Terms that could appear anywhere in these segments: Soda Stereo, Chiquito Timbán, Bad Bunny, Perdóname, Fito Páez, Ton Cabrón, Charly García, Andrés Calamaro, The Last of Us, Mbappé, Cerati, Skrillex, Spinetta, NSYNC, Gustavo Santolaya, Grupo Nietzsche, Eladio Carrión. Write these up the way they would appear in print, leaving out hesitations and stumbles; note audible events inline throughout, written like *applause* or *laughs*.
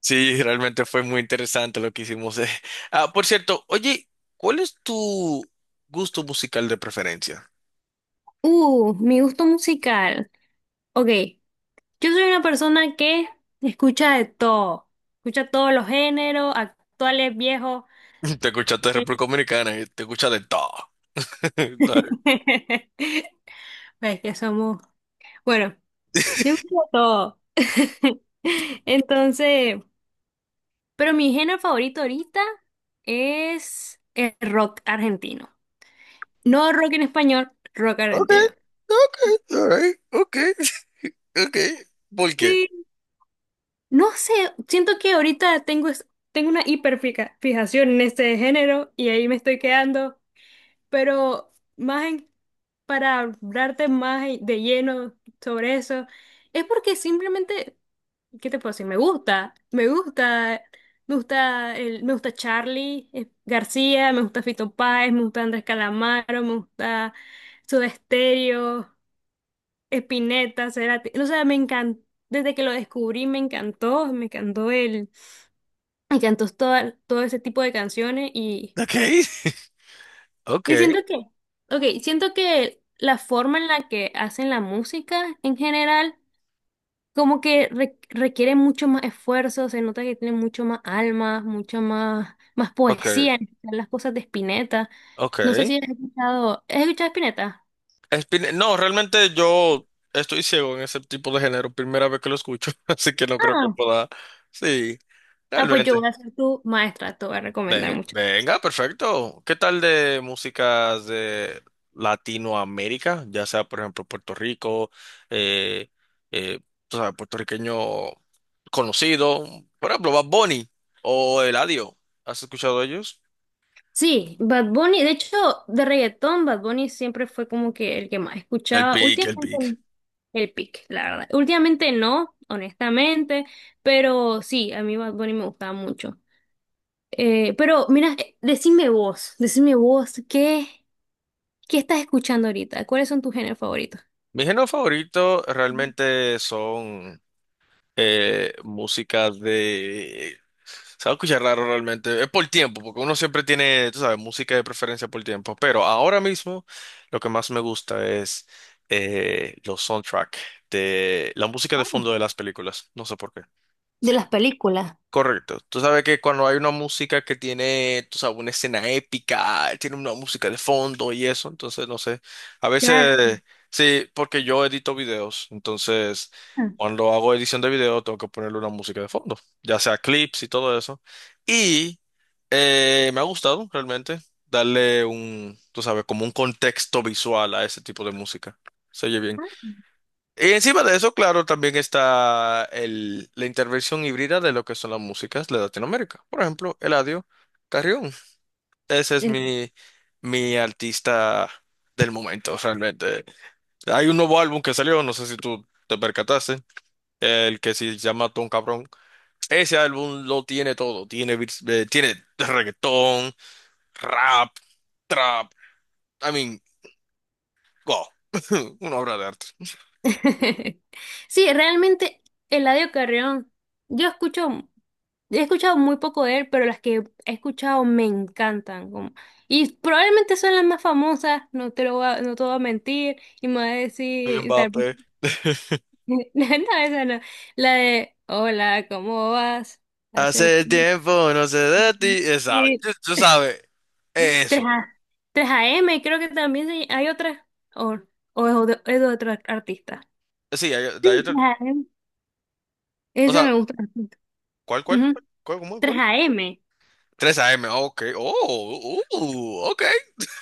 Sí, realmente fue muy interesante lo que hicimos. *laughs* Ah, por cierto, oye, ¿cuál es tu gusto musical de preferencia? Mi gusto musical. Ok, yo soy una persona que escucha de todo. Escucha todos los géneros, actuales, viejos. *laughs* Te escuchaste de Eh, República Dominicana y te escuchas de todo. *laughs* Dale. *laughs* Ves que somos. Bueno, yo escucho de todo. *laughs* Entonces, pero mi género favorito ahorita es el rock argentino. No rock en español, rock Ok, argentino. ok, all right, ok, ok. ¿Por qué? No sé, siento que ahorita tengo, tengo una hiperfijación en este género y ahí me estoy quedando, pero más para hablarte más de lleno sobre eso, es porque simplemente, ¿qué te puedo decir? Me gusta, me gusta, me gusta, el, me gusta Charly García, me gusta Fito Páez, me gusta Andrés Calamaro, me gusta Soda Stereo, Spinetta, Cerati, o sea, me encantó, desde que lo descubrí me encantó el, me encantó todo ese tipo de canciones Ok, *laughs* ok, y siento que, ok, siento que la forma en la que hacen la música en general, como que requiere mucho más esfuerzo, se nota que tiene mucho más alma, mucha más, más ok, poesía en las cosas de Spinetta. ok. No sé si has escuchado, ¿has escuchado Spinetta? No, realmente yo estoy ciego en ese tipo de género, primera vez que lo escucho, *laughs* así que no creo que Ah, pueda. Sí, ah, pues yo realmente. voy a ser tu maestra, te voy a recomendar mucho. Venga, perfecto. ¿Qué tal de músicas de Latinoamérica? Ya sea, por ejemplo, Puerto Rico, eh, eh, tú sabes, puertorriqueño conocido, por ejemplo, Bad Bunny o Eladio. ¿Has escuchado de ellos? Sí, Bad Bunny, de hecho, de reggaetón, Bad Bunny siempre fue como que el que más El escuchaba. pic, el Últimamente pic. el pick, la verdad. Últimamente no, honestamente, pero sí, a mí Bad Bunny me gustaba mucho. Pero mira, decime vos, ¿qué estás escuchando ahorita? ¿Cuáles son tus géneros favoritos? Mi género favorito realmente son música de... Se va a escuchar raro realmente. Es por tiempo, porque uno siempre tiene, tú sabes, música de preferencia por tiempo. Pero ahora mismo lo que más me gusta es los soundtrack de la música de Ah, fondo de las películas. No sé por qué. de las películas. Correcto. Tú sabes que cuando hay una música que tiene, tú sabes, una escena épica, tiene una música de fondo y eso, entonces no sé. A Claro. veces, sí, porque yo edito videos, entonces Ah, cuando hago edición de video tengo que ponerle una música de fondo, ya sea clips y todo eso. Y me ha gustado realmente darle un, tú sabes, como un contexto visual a ese tipo de música. Se oye bien. Y encima de eso, claro, también está la intervención híbrida de lo que son las músicas de Latinoamérica. Por ejemplo, Eladio Carrión. Ese es El- mi artista del momento, realmente. Hay un nuevo álbum que salió, no sé si tú te percataste, el que se llama Ton Cabrón. Ese álbum lo tiene todo. Tiene, tiene reggaetón, rap, trap. I mean, wow. *laughs* Una obra de arte. *laughs* Sí, realmente Eladio Carrión, yo escucho, he escuchado muy poco de él, pero las que he escuchado me encantan. Y probablemente son las más famosas, no te lo voy a, no te voy a mentir, y me va a decir, y tal. Mbappé. *laughs* *laughs* No, esa no. La de, hola, ¿cómo vas? Hace... Hace tiempo, no sé de ti. Esa, Sí. tú sabes. tres Eso. a 3AM, creo que también hay otra, o, o es de otro artista. Sí, Sí, hay otro. 3AM. O Esa sea, me gusta. ¿Cuál? Ujú. ¿Cuál? 3AM. 3 AM, ok. Oh, ok.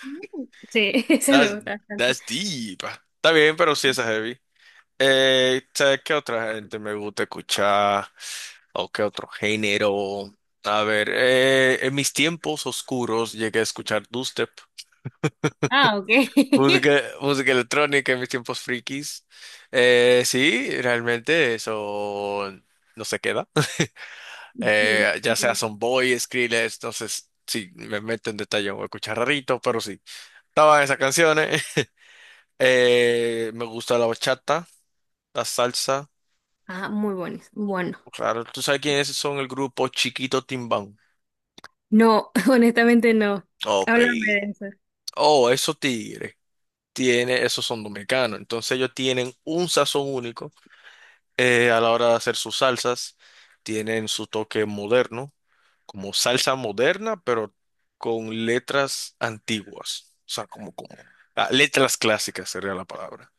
Mm. Sí, *laughs* ese That's, me gusta bastante. that's deep. Está bien, pero sí, esa es heavy. ¿Sabes qué otra gente me gusta escuchar? ¿O qué otro género? A ver, en mis tiempos oscuros llegué a escuchar dubstep. Ah, ok. *laughs* Música, música electrónica en mis tiempos frikis. Sí, realmente eso no se queda. *laughs* Ujú, ya ujú. sea son boy Skrillex, entonces sí, me meto en detalle, voy a escuchar rarito, pero sí. Estaban esas canciones. *laughs* Me gusta la bachata, la salsa. Ah, muy buenos. Bueno, Claro, ¿tú sabes quiénes son el grupo Chiquito Timbán? no, *laughs* honestamente no. Ok. Háblame de eso. Oh, esos tigres. Tiene, esos son dominicanos. Entonces ellos tienen un sazón único a la hora de hacer sus salsas, tienen su toque moderno, como salsa moderna, pero con letras antiguas, o sea, como ah, letras clásicas sería la palabra,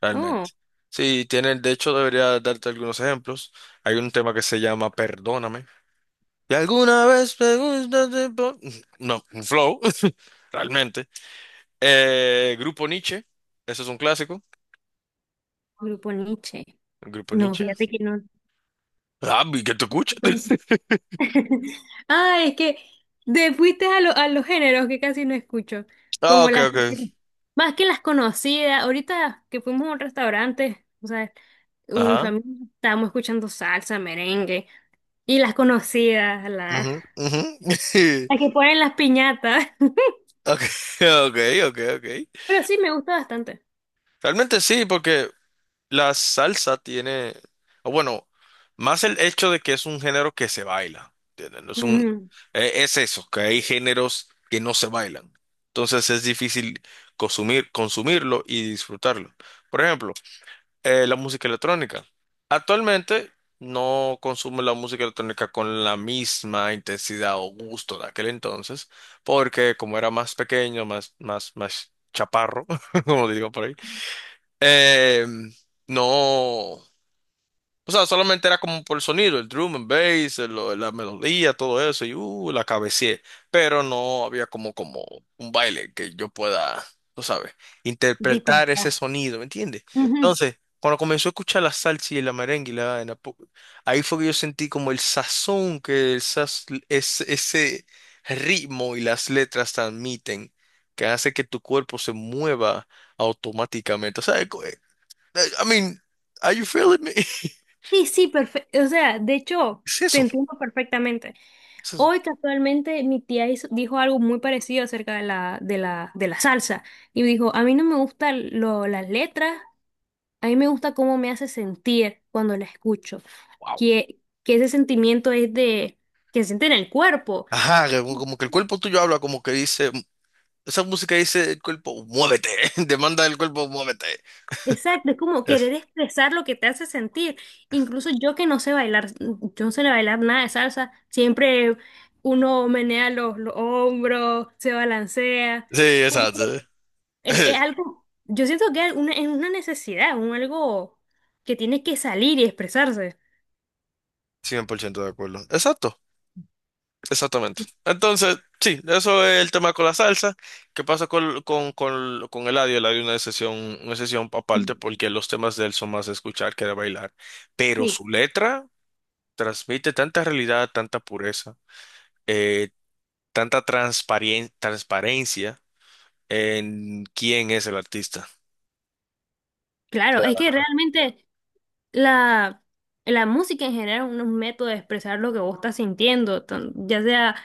realmente. Oh, Sí, tienen, de hecho, debería darte algunos ejemplos. Hay un tema que se llama Perdóname. Y alguna vez no, un flow, *laughs* realmente. Grupo Nietzsche, ese es un clásico. Grupo Nietzsche. El Grupo No, Nietzsche. fíjate que no. Ah, vi que te escucho. *laughs* *laughs* Ah, es que te fuiste a, a los géneros que casi no escucho. Ah, Como ok, las. ok. *laughs* Más que las conocidas. Ahorita que fuimos a un restaurante, o sea, con mi Ajá. familia estábamos escuchando salsa, merengue. Y las conocidas, la. Ujú, ujú. *laughs* La *laughs* que ponen las piñatas. Ok, ok, ok, ok. *laughs* Pero sí, me gusta bastante. Realmente sí, porque la salsa tiene, o bueno, más el hecho de que es un género que se baila, ¿entiendes? No es un, Ujú, es eso, que hay géneros que no se bailan. Entonces es difícil consumirlo y disfrutarlo. Por ejemplo, la música electrónica. Actualmente no consumo la música electrónica con la misma intensidad o gusto de aquel entonces, porque como era más pequeño, más chaparro, *laughs* como digo por ahí, eh, no. O sea, solamente era como por el sonido, el drum and bass, la melodía, todo eso, y la cabeceé. Pero no había como un baile que yo pueda, tú sabes, interpretar ese disfrutar. sonido, ¿me entiendes? Ujú. Entonces, cuando comenzó a escuchar la salsa y la merengue, y ahí fue que yo sentí como el sazón que ese ritmo y las letras transmiten, que hace que tu cuerpo se mueva automáticamente. O sea, I mean, are you feeling me? *laughs* Sí, sí, perfecto. O sea, de hecho, Es te eso, entiendo perfectamente. es eso. Hoy casualmente mi tía dijo algo muy parecido acerca de la salsa. Y dijo, a mí no me gustan las letras, a mí me gusta cómo me hace sentir cuando la escucho. Wow. Que ese sentimiento que se siente en el cuerpo. Ajá, que como que el cuerpo tuyo habla, como que dice, esa música dice el cuerpo, muévete, *laughs* demanda del cuerpo, muévete. Exacto, es como querer Es- expresar lo que te hace sentir. Incluso yo que no sé bailar, yo no sé bailar nada de salsa, siempre uno menea los hombros, se balancea, Sí, porque exacto. es *laughs* algo, yo siento que es una necesidad, un algo que tiene que salir y expresarse. 100% de acuerdo. Exacto, exactamente. Entonces, sí, eso es el tema con la salsa. ¿Qué pasa con Eladio? Eladio es una sesión aparte Mm. porque los temas de él son más de escuchar que de bailar. Pero Sí, su letra transmite tanta realidad, tanta pureza, eh, transparencia en quién es el artista. claro, es que realmente La, la música en general es un método de expresar lo que vos estás sintiendo, ya sea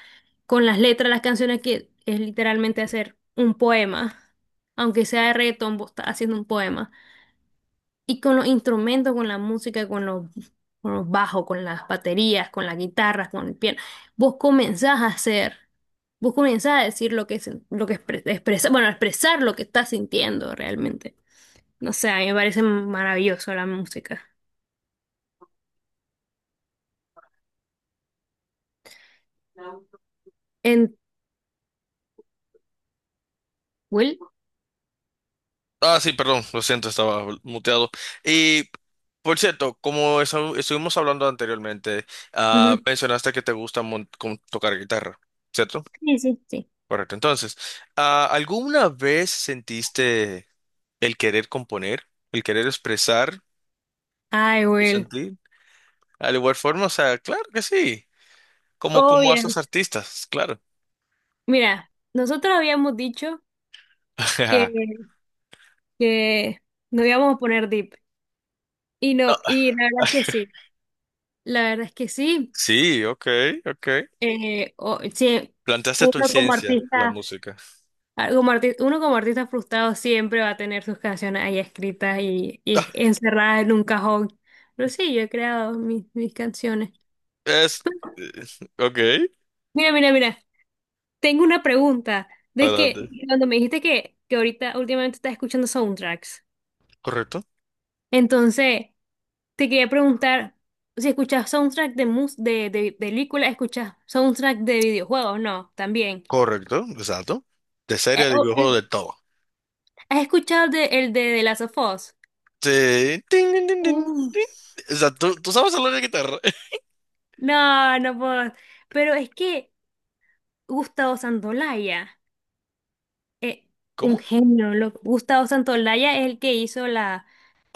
con las letras, las canciones, que es literalmente hacer un poema, aunque sea de reggaetón, vos estás haciendo un poema. Y con los instrumentos, con la música, con los bajos, con las baterías, con las guitarras, con el piano, vos comenzás a hacer, vos comenzás a decir lo que bueno, a expresar lo que estás sintiendo realmente. No sé, a mí me parece maravilloso la música. Will. Ah, sí, perdón, lo siento, estaba muteado. Y por cierto, como estuvimos hablando anteriormente, Ujú. mencionaste que te gusta tocar guitarra, ¿cierto? Sí, sí, sí. Correcto. Entonces, ah, ¿alguna vez sentiste el querer componer, el querer expresar Ay, tu Will. sentir? Al igual forma, o sea, claro que sí, Oh, como a esos bien. artistas, claro. Mira, nosotros habíamos dicho que, *laughs* que nos íbamos a poner deep. Y no, y la verdad es que sí. La verdad es que sí. Sí, ok, ok. Sí, Plantaste tu uno como esencia en la artista, música. ah, uno como artista frustrado siempre va a tener sus canciones ahí escritas y *laughs* encerradas en un cajón. Pero sí, yo he creado mis canciones. Es. eh, Ok, Mira, mira, mira. Tengo una pregunta de que adelante. cuando me dijiste que ahorita últimamente estás escuchando soundtracks, Correcto, entonces te quería preguntar si escuchas soundtrack de películas, escuchas soundtrack de videojuegos, no, también. correcto, exacto. De serie, Eh, de o- videojuego, eh, de todo. ¿Has escuchado el de The Last of Us? Sí. Tin, tin, tin, tin, tin. Uf, O sea, ¿tú sabes hablar de guitarra? *laughs* no, no puedo. Pero es que Gustavo Santolaya. eh, un ¿Cómo? genio, Gustavo Santolaya es el que hizo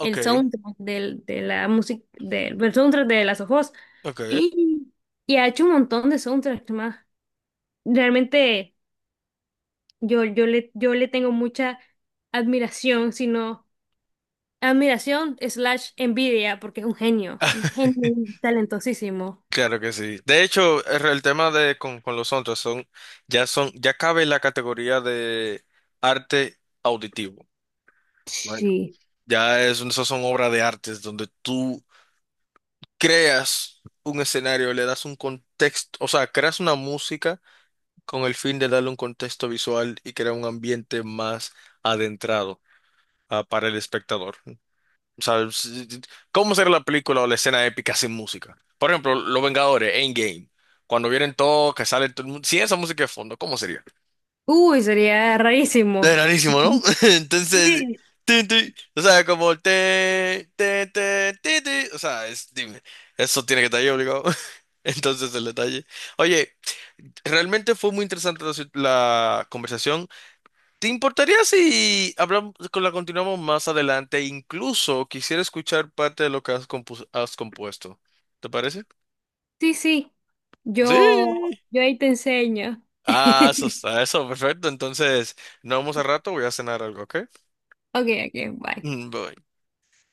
el soundtrack de la música, del soundtrack de Las Ojos. ok. Y, y ha hecho un montón de soundtracks más. Realmente yo le tengo mucha admiración, sino admiración slash envidia, porque es un genio talentosísimo. Claro que sí. De hecho, el tema de con los otros son, ya cabe en la categoría de arte auditivo. Bueno. Sí. Ya es, esas son obras de artes donde tú creas un escenario, le das un contexto, o sea, creas una música con el fin de darle un contexto visual y crear un ambiente más adentrado para el espectador. O sea, ¿cómo será la película o la escena épica sin música? Por ejemplo, Los Vengadores, Endgame. Cuando vienen todos, que sale todo el mundo, sin esa música de fondo, ¿cómo sería? Uy, sería Es rarísimo. rarísimo, ¿no? *laughs* *laughs* Entonces, Sí, tin, tin, o sea, como te, ti, ti, o sea, dime, eso tiene que estar ahí obligado. *laughs* Entonces, el detalle. Oye, realmente fue muy interesante la conversación. ¿Te importaría si hablamos, continuamos más adelante? Incluso quisiera escuchar parte de lo que has compuesto. ¿Te parece? sí, sí. Yo, Sí. yo ahí te enseño. Ah, eso *laughs* está, eso, perfecto. Entonces, nos vemos al rato, voy a cenar algo, ¿ok? Okay, okay, bye. Mm, bye.